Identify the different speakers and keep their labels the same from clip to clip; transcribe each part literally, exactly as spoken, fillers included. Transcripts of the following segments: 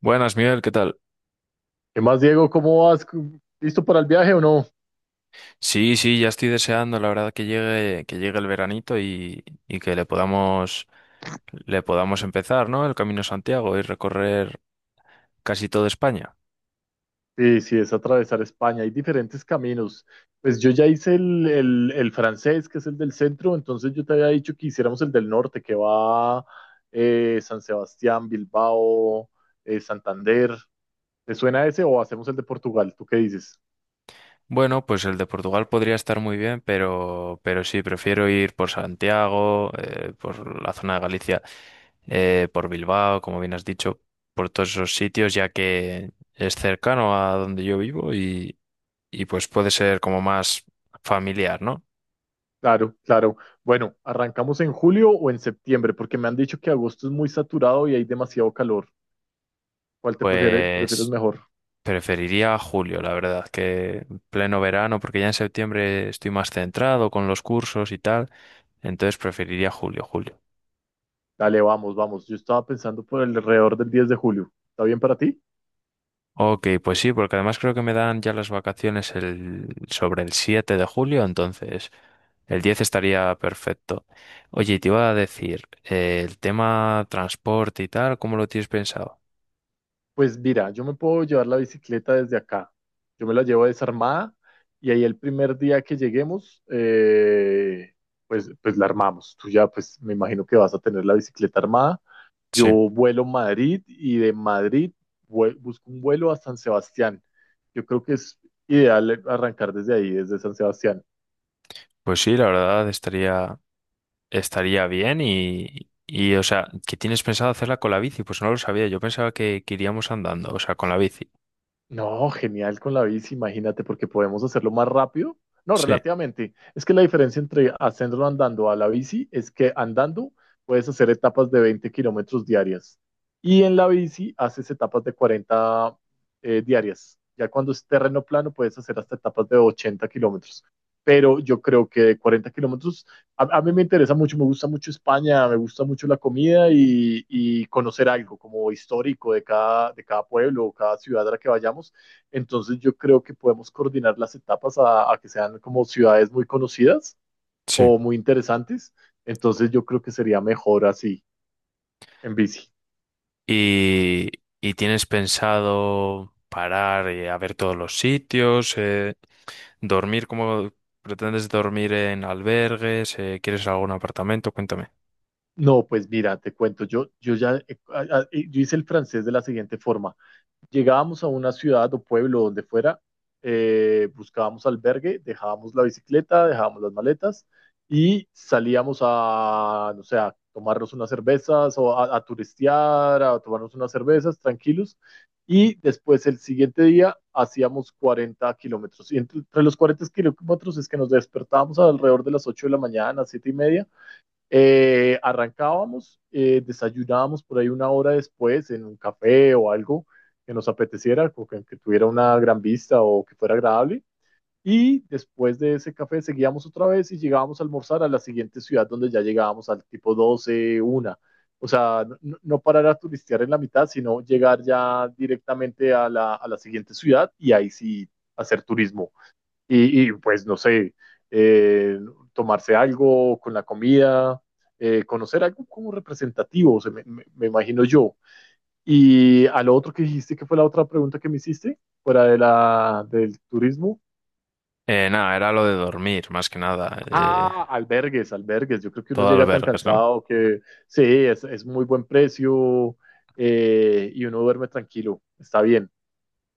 Speaker 1: Buenas, Miguel, ¿qué tal?
Speaker 2: ¿Qué más, Diego? ¿Cómo vas? ¿Listo para el viaje o no?
Speaker 1: Sí, sí, ya estoy deseando, la verdad, que llegue, que llegue el veranito y, y que le podamos, le podamos empezar, ¿no? El Camino a Santiago y recorrer casi toda España.
Speaker 2: Sí, sí, es atravesar España. Hay diferentes caminos. Pues yo ya hice el, el, el francés, que es el del centro, entonces yo te había dicho que hiciéramos el del norte, que va eh, San Sebastián, Bilbao, eh, Santander. ¿Te suena ese o hacemos el de Portugal? ¿Tú qué dices?
Speaker 1: Bueno, pues el de Portugal podría estar muy bien, pero, pero sí, prefiero ir por Santiago, eh, por la zona de Galicia, eh, por Bilbao, como bien has dicho, por todos esos sitios, ya que es cercano a donde yo vivo y, y pues puede ser como más familiar, ¿no?
Speaker 2: Claro, claro. Bueno, ¿arrancamos en julio o en septiembre? Porque me han dicho que agosto es muy saturado y hay demasiado calor. ¿Cuál te prefiere- Prefieres
Speaker 1: Pues
Speaker 2: mejor?
Speaker 1: preferiría julio, la verdad, que pleno verano, porque ya en septiembre estoy más centrado con los cursos y tal, entonces preferiría julio, julio.
Speaker 2: Dale, vamos, vamos. Yo estaba pensando por alrededor del diez de julio. ¿Está bien para ti?
Speaker 1: Ok, pues sí, porque además creo que me dan ya las vacaciones el, sobre el siete de julio, entonces el diez estaría perfecto. Oye, y te iba a decir, eh, el tema transporte y tal, ¿cómo lo tienes pensado?
Speaker 2: Pues mira, yo me puedo llevar la bicicleta desde acá. Yo me la llevo desarmada y ahí el primer día que lleguemos, eh, pues, pues la armamos. Tú ya, pues me imagino que vas a tener la bicicleta armada. Yo
Speaker 1: Sí,
Speaker 2: vuelo a Madrid y de Madrid vue- busco un vuelo a San Sebastián. Yo creo que es ideal arrancar desde ahí, desde San Sebastián.
Speaker 1: pues sí, la verdad estaría. Estaría bien y, y, o sea, ¿que tienes pensado hacerla con la bici? Pues no lo sabía, yo pensaba que, que iríamos andando, o sea, con la bici.
Speaker 2: No, genial con la bici, imagínate, porque podemos hacerlo más rápido. No,
Speaker 1: Sí,
Speaker 2: relativamente. Es que la diferencia entre hacerlo andando a la bici es que andando puedes hacer etapas de veinte kilómetros diarias y en la bici haces etapas de cuarenta eh, diarias. Ya cuando es terreno plano puedes hacer hasta etapas de ochenta kilómetros. Pero yo creo que de cuarenta kilómetros a, a, mí me interesa mucho, me gusta mucho España, me gusta mucho la comida y, y, conocer algo como histórico de cada, de cada pueblo o cada ciudad a la que vayamos. Entonces yo creo que podemos coordinar las etapas a, a que sean como ciudades muy conocidas
Speaker 1: sí.
Speaker 2: o muy interesantes. Entonces yo creo que sería mejor así, en bici.
Speaker 1: Y, ¿y tienes pensado parar eh, a ver todos los sitios? eh, ¿dormir cómo pretendes dormir en albergues? eh, ¿quieres algún apartamento? Cuéntame.
Speaker 2: No, pues mira, te cuento, yo, yo ya eh, ah, ah, eh, yo hice el francés de la siguiente forma. Llegábamos a una ciudad o pueblo donde fuera, eh, buscábamos albergue, dejábamos la bicicleta, dejábamos las maletas y salíamos a, no sé, a tomarnos unas cervezas o a, a turistear, a tomarnos unas cervezas tranquilos. Y después el siguiente día hacíamos cuarenta kilómetros. Y entre, entre los cuarenta kilómetros es que nos despertábamos alrededor de las ocho de la mañana, siete y media, eh, arrancábamos, eh, desayunábamos por ahí una hora después en un café o algo que nos apeteciera, o que, que tuviera una gran vista o que fuera agradable. Y después de ese café seguíamos otra vez y llegábamos a almorzar a la siguiente ciudad donde ya llegábamos al tipo doce, una. O sea, no, no no parar a turistear en la mitad, sino llegar ya directamente a la, a la siguiente ciudad y ahí sí hacer turismo y, y, pues no sé, eh, tomarse algo con la comida, eh, conocer algo como representativo, o sea, me, me, me, imagino yo. Y a lo otro que dijiste, que fue la otra pregunta que me hiciste, fuera de la, del turismo.
Speaker 1: Eh, nada, era lo de dormir, más que nada. Eh,
Speaker 2: Ah, albergues, albergues. Yo creo que uno
Speaker 1: todo
Speaker 2: llega tan
Speaker 1: albergues, ¿no?
Speaker 2: cansado que sí, es, es muy buen precio eh, y uno duerme tranquilo. Está bien.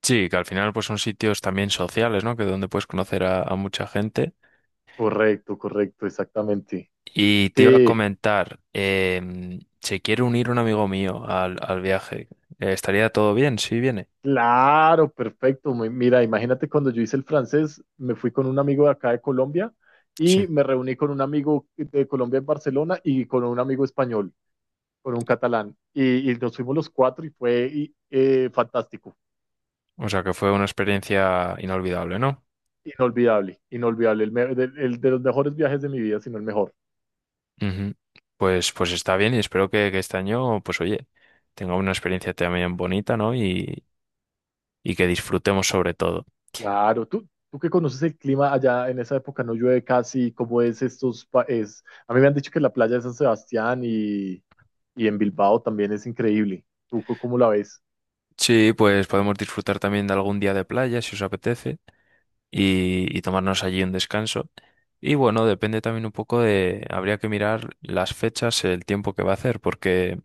Speaker 1: Sí, que al final pues son sitios también sociales, ¿no? Que donde puedes conocer a, a mucha gente.
Speaker 2: Correcto, correcto, exactamente.
Speaker 1: Y te iba a
Speaker 2: Sí,
Speaker 1: comentar, em, se quiere unir un amigo mío al, al viaje. Eh, ¿estaría todo bien si viene?
Speaker 2: claro, perfecto. Muy- Mira, imagínate cuando yo hice el francés, me fui con un amigo de acá de Colombia
Speaker 1: Sí.
Speaker 2: y me reuní con un amigo de Colombia en Barcelona y con un amigo español, con un catalán. Y, y nos fuimos los cuatro y fue y, eh, fantástico,
Speaker 1: O sea que fue una experiencia inolvidable, ¿no?
Speaker 2: inolvidable, inolvidable. El, me- de, el de los mejores viajes de mi vida, sino el mejor.
Speaker 1: Ujú. Pues, pues está bien y espero que, que este año, pues oye, tenga una experiencia también bonita, ¿no? Y, y que disfrutemos sobre todo.
Speaker 2: Claro, tú, tú que conoces el clima allá en esa época, no llueve casi, ¿cómo es estos? pa- Es, a mí me han dicho que la playa de San Sebastián y, y en Bilbao también es increíble. ¿Tú co- cómo la ves?
Speaker 1: Sí, pues podemos disfrutar también de algún día de playa si os apetece, y, y tomarnos allí un descanso. Y bueno, depende también un poco de, habría que mirar las fechas, el tiempo que va a hacer, porque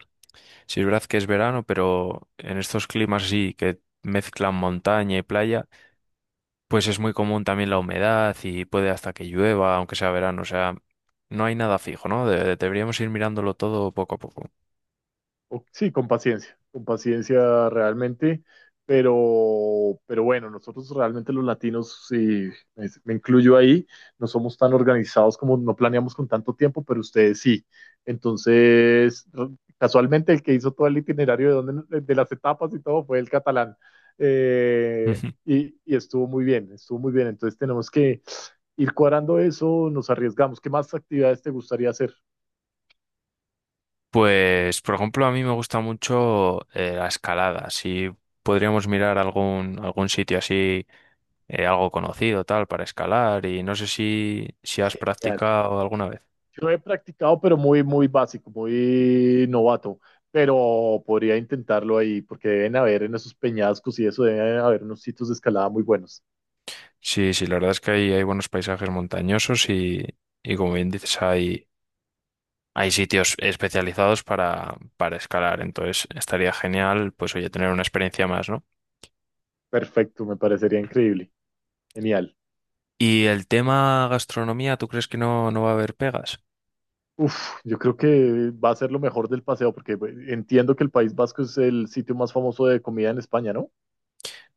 Speaker 1: si es verdad que es verano, pero en estos climas sí que mezclan montaña y playa, pues es muy común también la humedad y puede hasta que llueva, aunque sea verano, o sea, no hay nada fijo, ¿no? De- deberíamos ir mirándolo todo poco a poco.
Speaker 2: o- Sí, con paciencia, con paciencia realmente, pero, pero bueno, nosotros realmente los latinos, y me, me incluyo ahí, no somos tan organizados como no planeamos con tanto tiempo, pero ustedes sí. Entonces, r- casualmente el que hizo todo el itinerario de, dónde- de las etapas y todo fue el catalán. Eh,
Speaker 1: Ujú.
Speaker 2: y, y estuvo muy bien, estuvo muy bien. Entonces tenemos que ir cuadrando eso, nos arriesgamos. ¿Qué más actividades te gustaría hacer?
Speaker 1: Pues, por ejemplo, a mí me gusta mucho eh, la escalada. Si podríamos mirar algún, algún sitio así eh, algo conocido, tal, para escalar y no sé si, si has practicado alguna vez.
Speaker 2: Yo he practicado, pero muy, muy básico, muy novato. Pero podría intentarlo ahí, porque deben haber en esos peñascos y eso, deben haber unos sitios de escalada muy buenos.
Speaker 1: Sí, sí, la verdad es que hay, hay buenos paisajes montañosos y, y como bien dices, hay, hay sitios especializados para, para escalar, entonces estaría genial, pues oye, tener una experiencia más, ¿no?
Speaker 2: Perfecto, me parecería increíble. Genial.
Speaker 1: Y el tema gastronomía, ¿tú crees que no, no va a haber pegas?
Speaker 2: Uf, yo creo que va a ser lo mejor del paseo, porque pues, entiendo que el País Vasco es el sitio más famoso de comida en España, ¿no?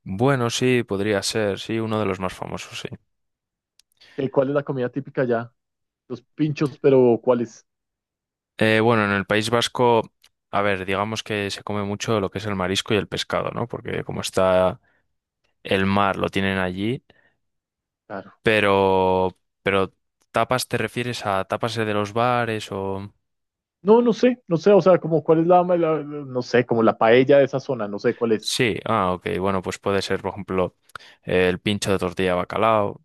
Speaker 1: Bueno, sí, podría ser, sí, uno de los más famosos, sí.
Speaker 2: ¿Qué- ¿Cuál es la comida típica allá? Los pinchos, pero ¿cuáles?
Speaker 1: Eh, bueno, en el País Vasco, a ver, digamos que se come mucho lo que es el marisco y el pescado, ¿no? Porque como está el mar lo tienen allí,
Speaker 2: Claro.
Speaker 1: pero, pero tapas te refieres a tapas de los bares o...
Speaker 2: No, no sé, no sé, o sea, como cuál es la, la- la- no sé, como la paella de esa zona, no sé cuál es.
Speaker 1: Sí, ah, ok, bueno, pues puede ser, por ejemplo, eh, el pincho de tortilla de bacalao,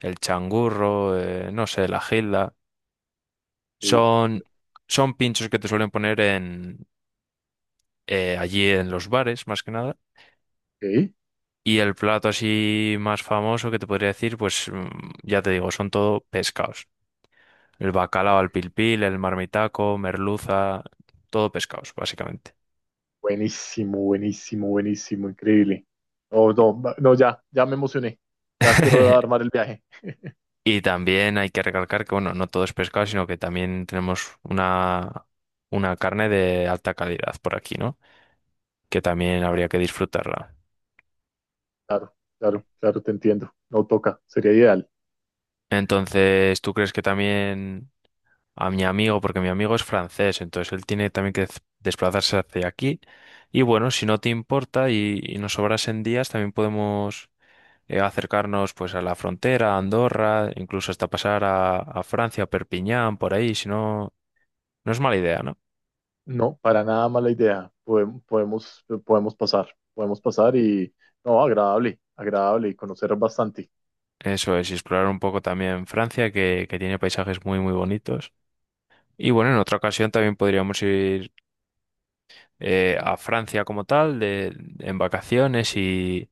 Speaker 1: el changurro, eh, no sé, la gilda.
Speaker 2: Sí,
Speaker 1: Son, son pinchos que te suelen poner en, eh, allí en los bares, más que nada.
Speaker 2: ok,
Speaker 1: Y el plato así más famoso que te podría decir, pues mm, ya te digo, son todo pescados. El
Speaker 2: ok.
Speaker 1: bacalao al pilpil, el marmitaco, merluza, todo pescados, básicamente.
Speaker 2: Buenísimo, buenísimo, buenísimo, increíble. No,
Speaker 1: Y
Speaker 2: no, va- no, ya, ya me emocioné. Ya quiero armar el viaje.
Speaker 1: y también hay que recalcar que, bueno, no todo es pescado, sino que también tenemos una, una carne de alta calidad por aquí, ¿no? Que también habría que disfrutarla.
Speaker 2: Claro, claro, claro, te entiendo. No toca, sería ideal.
Speaker 1: Entonces, ¿tú crees que también a mi amigo, porque mi amigo es francés, entonces él tiene también que dez- desplazarse hacia aquí? Y bueno, si no te importa y, y nos sobrasen días, también podemos eh, acercarnos pues a la frontera, a Andorra, incluso hasta pasar a, a Francia, a Perpiñán, por ahí, si no, no es mala idea, ¿no?
Speaker 2: No, para nada mala idea. Podem- Podemos, podemos pasar, podemos pasar y, no, agradable, agradable y conocer bastante.
Speaker 1: Eso es, y explorar un poco también Francia, que, que tiene paisajes muy, muy bonitos. Y bueno, en otra ocasión también podríamos ir eh, a Francia como tal, de, en vacaciones y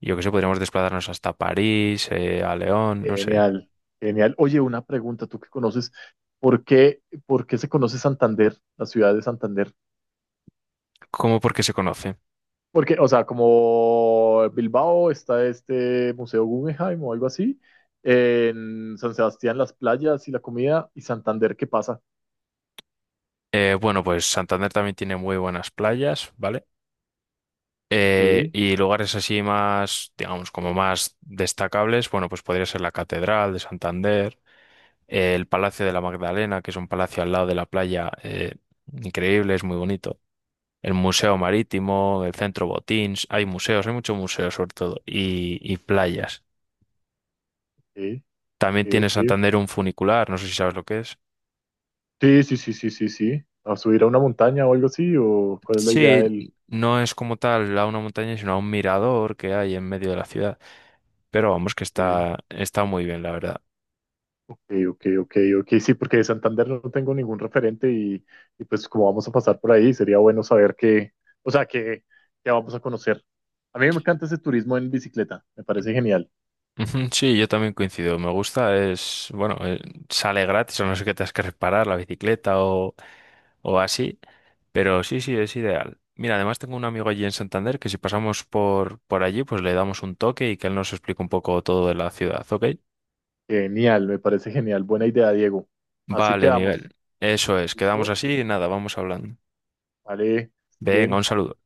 Speaker 1: yo qué sé, podríamos desplazarnos hasta París, eh, a León, no sé.
Speaker 2: Genial, genial. Oye, una pregunta, tú que conoces, ¿por qué, por qué se conoce Santander, la ciudad de Santander?
Speaker 1: ¿Cómo porque se conoce?
Speaker 2: Porque, o sea, como Bilbao está este Museo Guggenheim o algo así, en San Sebastián las playas y la comida, y Santander, ¿qué pasa?
Speaker 1: Eh, bueno, pues Santander también tiene muy buenas playas, ¿vale?
Speaker 2: Ok,
Speaker 1: Eh, y lugares así más, digamos, como más destacables, bueno, pues podría ser la Catedral de Santander. Eh, el Palacio de la Magdalena, que es un palacio al lado de la playa, eh, increíble, es muy bonito. El Museo Marítimo, el Centro Botins, hay museos, hay muchos museos sobre todo, y, y playas.
Speaker 2: ok,
Speaker 1: También
Speaker 2: ok,
Speaker 1: tiene
Speaker 2: ok.
Speaker 1: Santander un funicular, no sé si sabes lo que es.
Speaker 2: Sí, sí, sí, sí, sí, sí. ¿A subir a una montaña o algo así? ¿O cuál es la idea
Speaker 1: Sí,
Speaker 2: del...?
Speaker 1: no es como tal a una montaña, sino a un mirador que hay en medio de la ciudad. Pero vamos, que
Speaker 2: Ok,
Speaker 1: está, está muy bien, la verdad.
Speaker 2: ok, ok, ok, ok, sí, porque de Santander no tengo ningún referente y, y pues como vamos a pasar por ahí, sería bueno saber qué, o sea, qué, qué vamos a conocer. A mí me encanta ese turismo en bicicleta, me parece genial.
Speaker 1: Ujú, sí, yo también coincido. Me gusta, es, bueno, eh, sale gratis o no sé qué te has que reparar, la bicicleta o o así, pero sí, sí, es ideal. Mira, además tengo un amigo allí en Santander que si pasamos por, por allí, pues le damos un toque y que él nos explique un poco todo de la ciudad, ¿ok?
Speaker 2: Genial, me parece genial. Buena idea, Diego. Así
Speaker 1: Vale,
Speaker 2: quedamos.
Speaker 1: Miguel. Eso es, quedamos
Speaker 2: ¿Listo?
Speaker 1: así y nada, vamos hablando.
Speaker 2: Vale,
Speaker 1: Venga,
Speaker 2: bien.
Speaker 1: un saludo.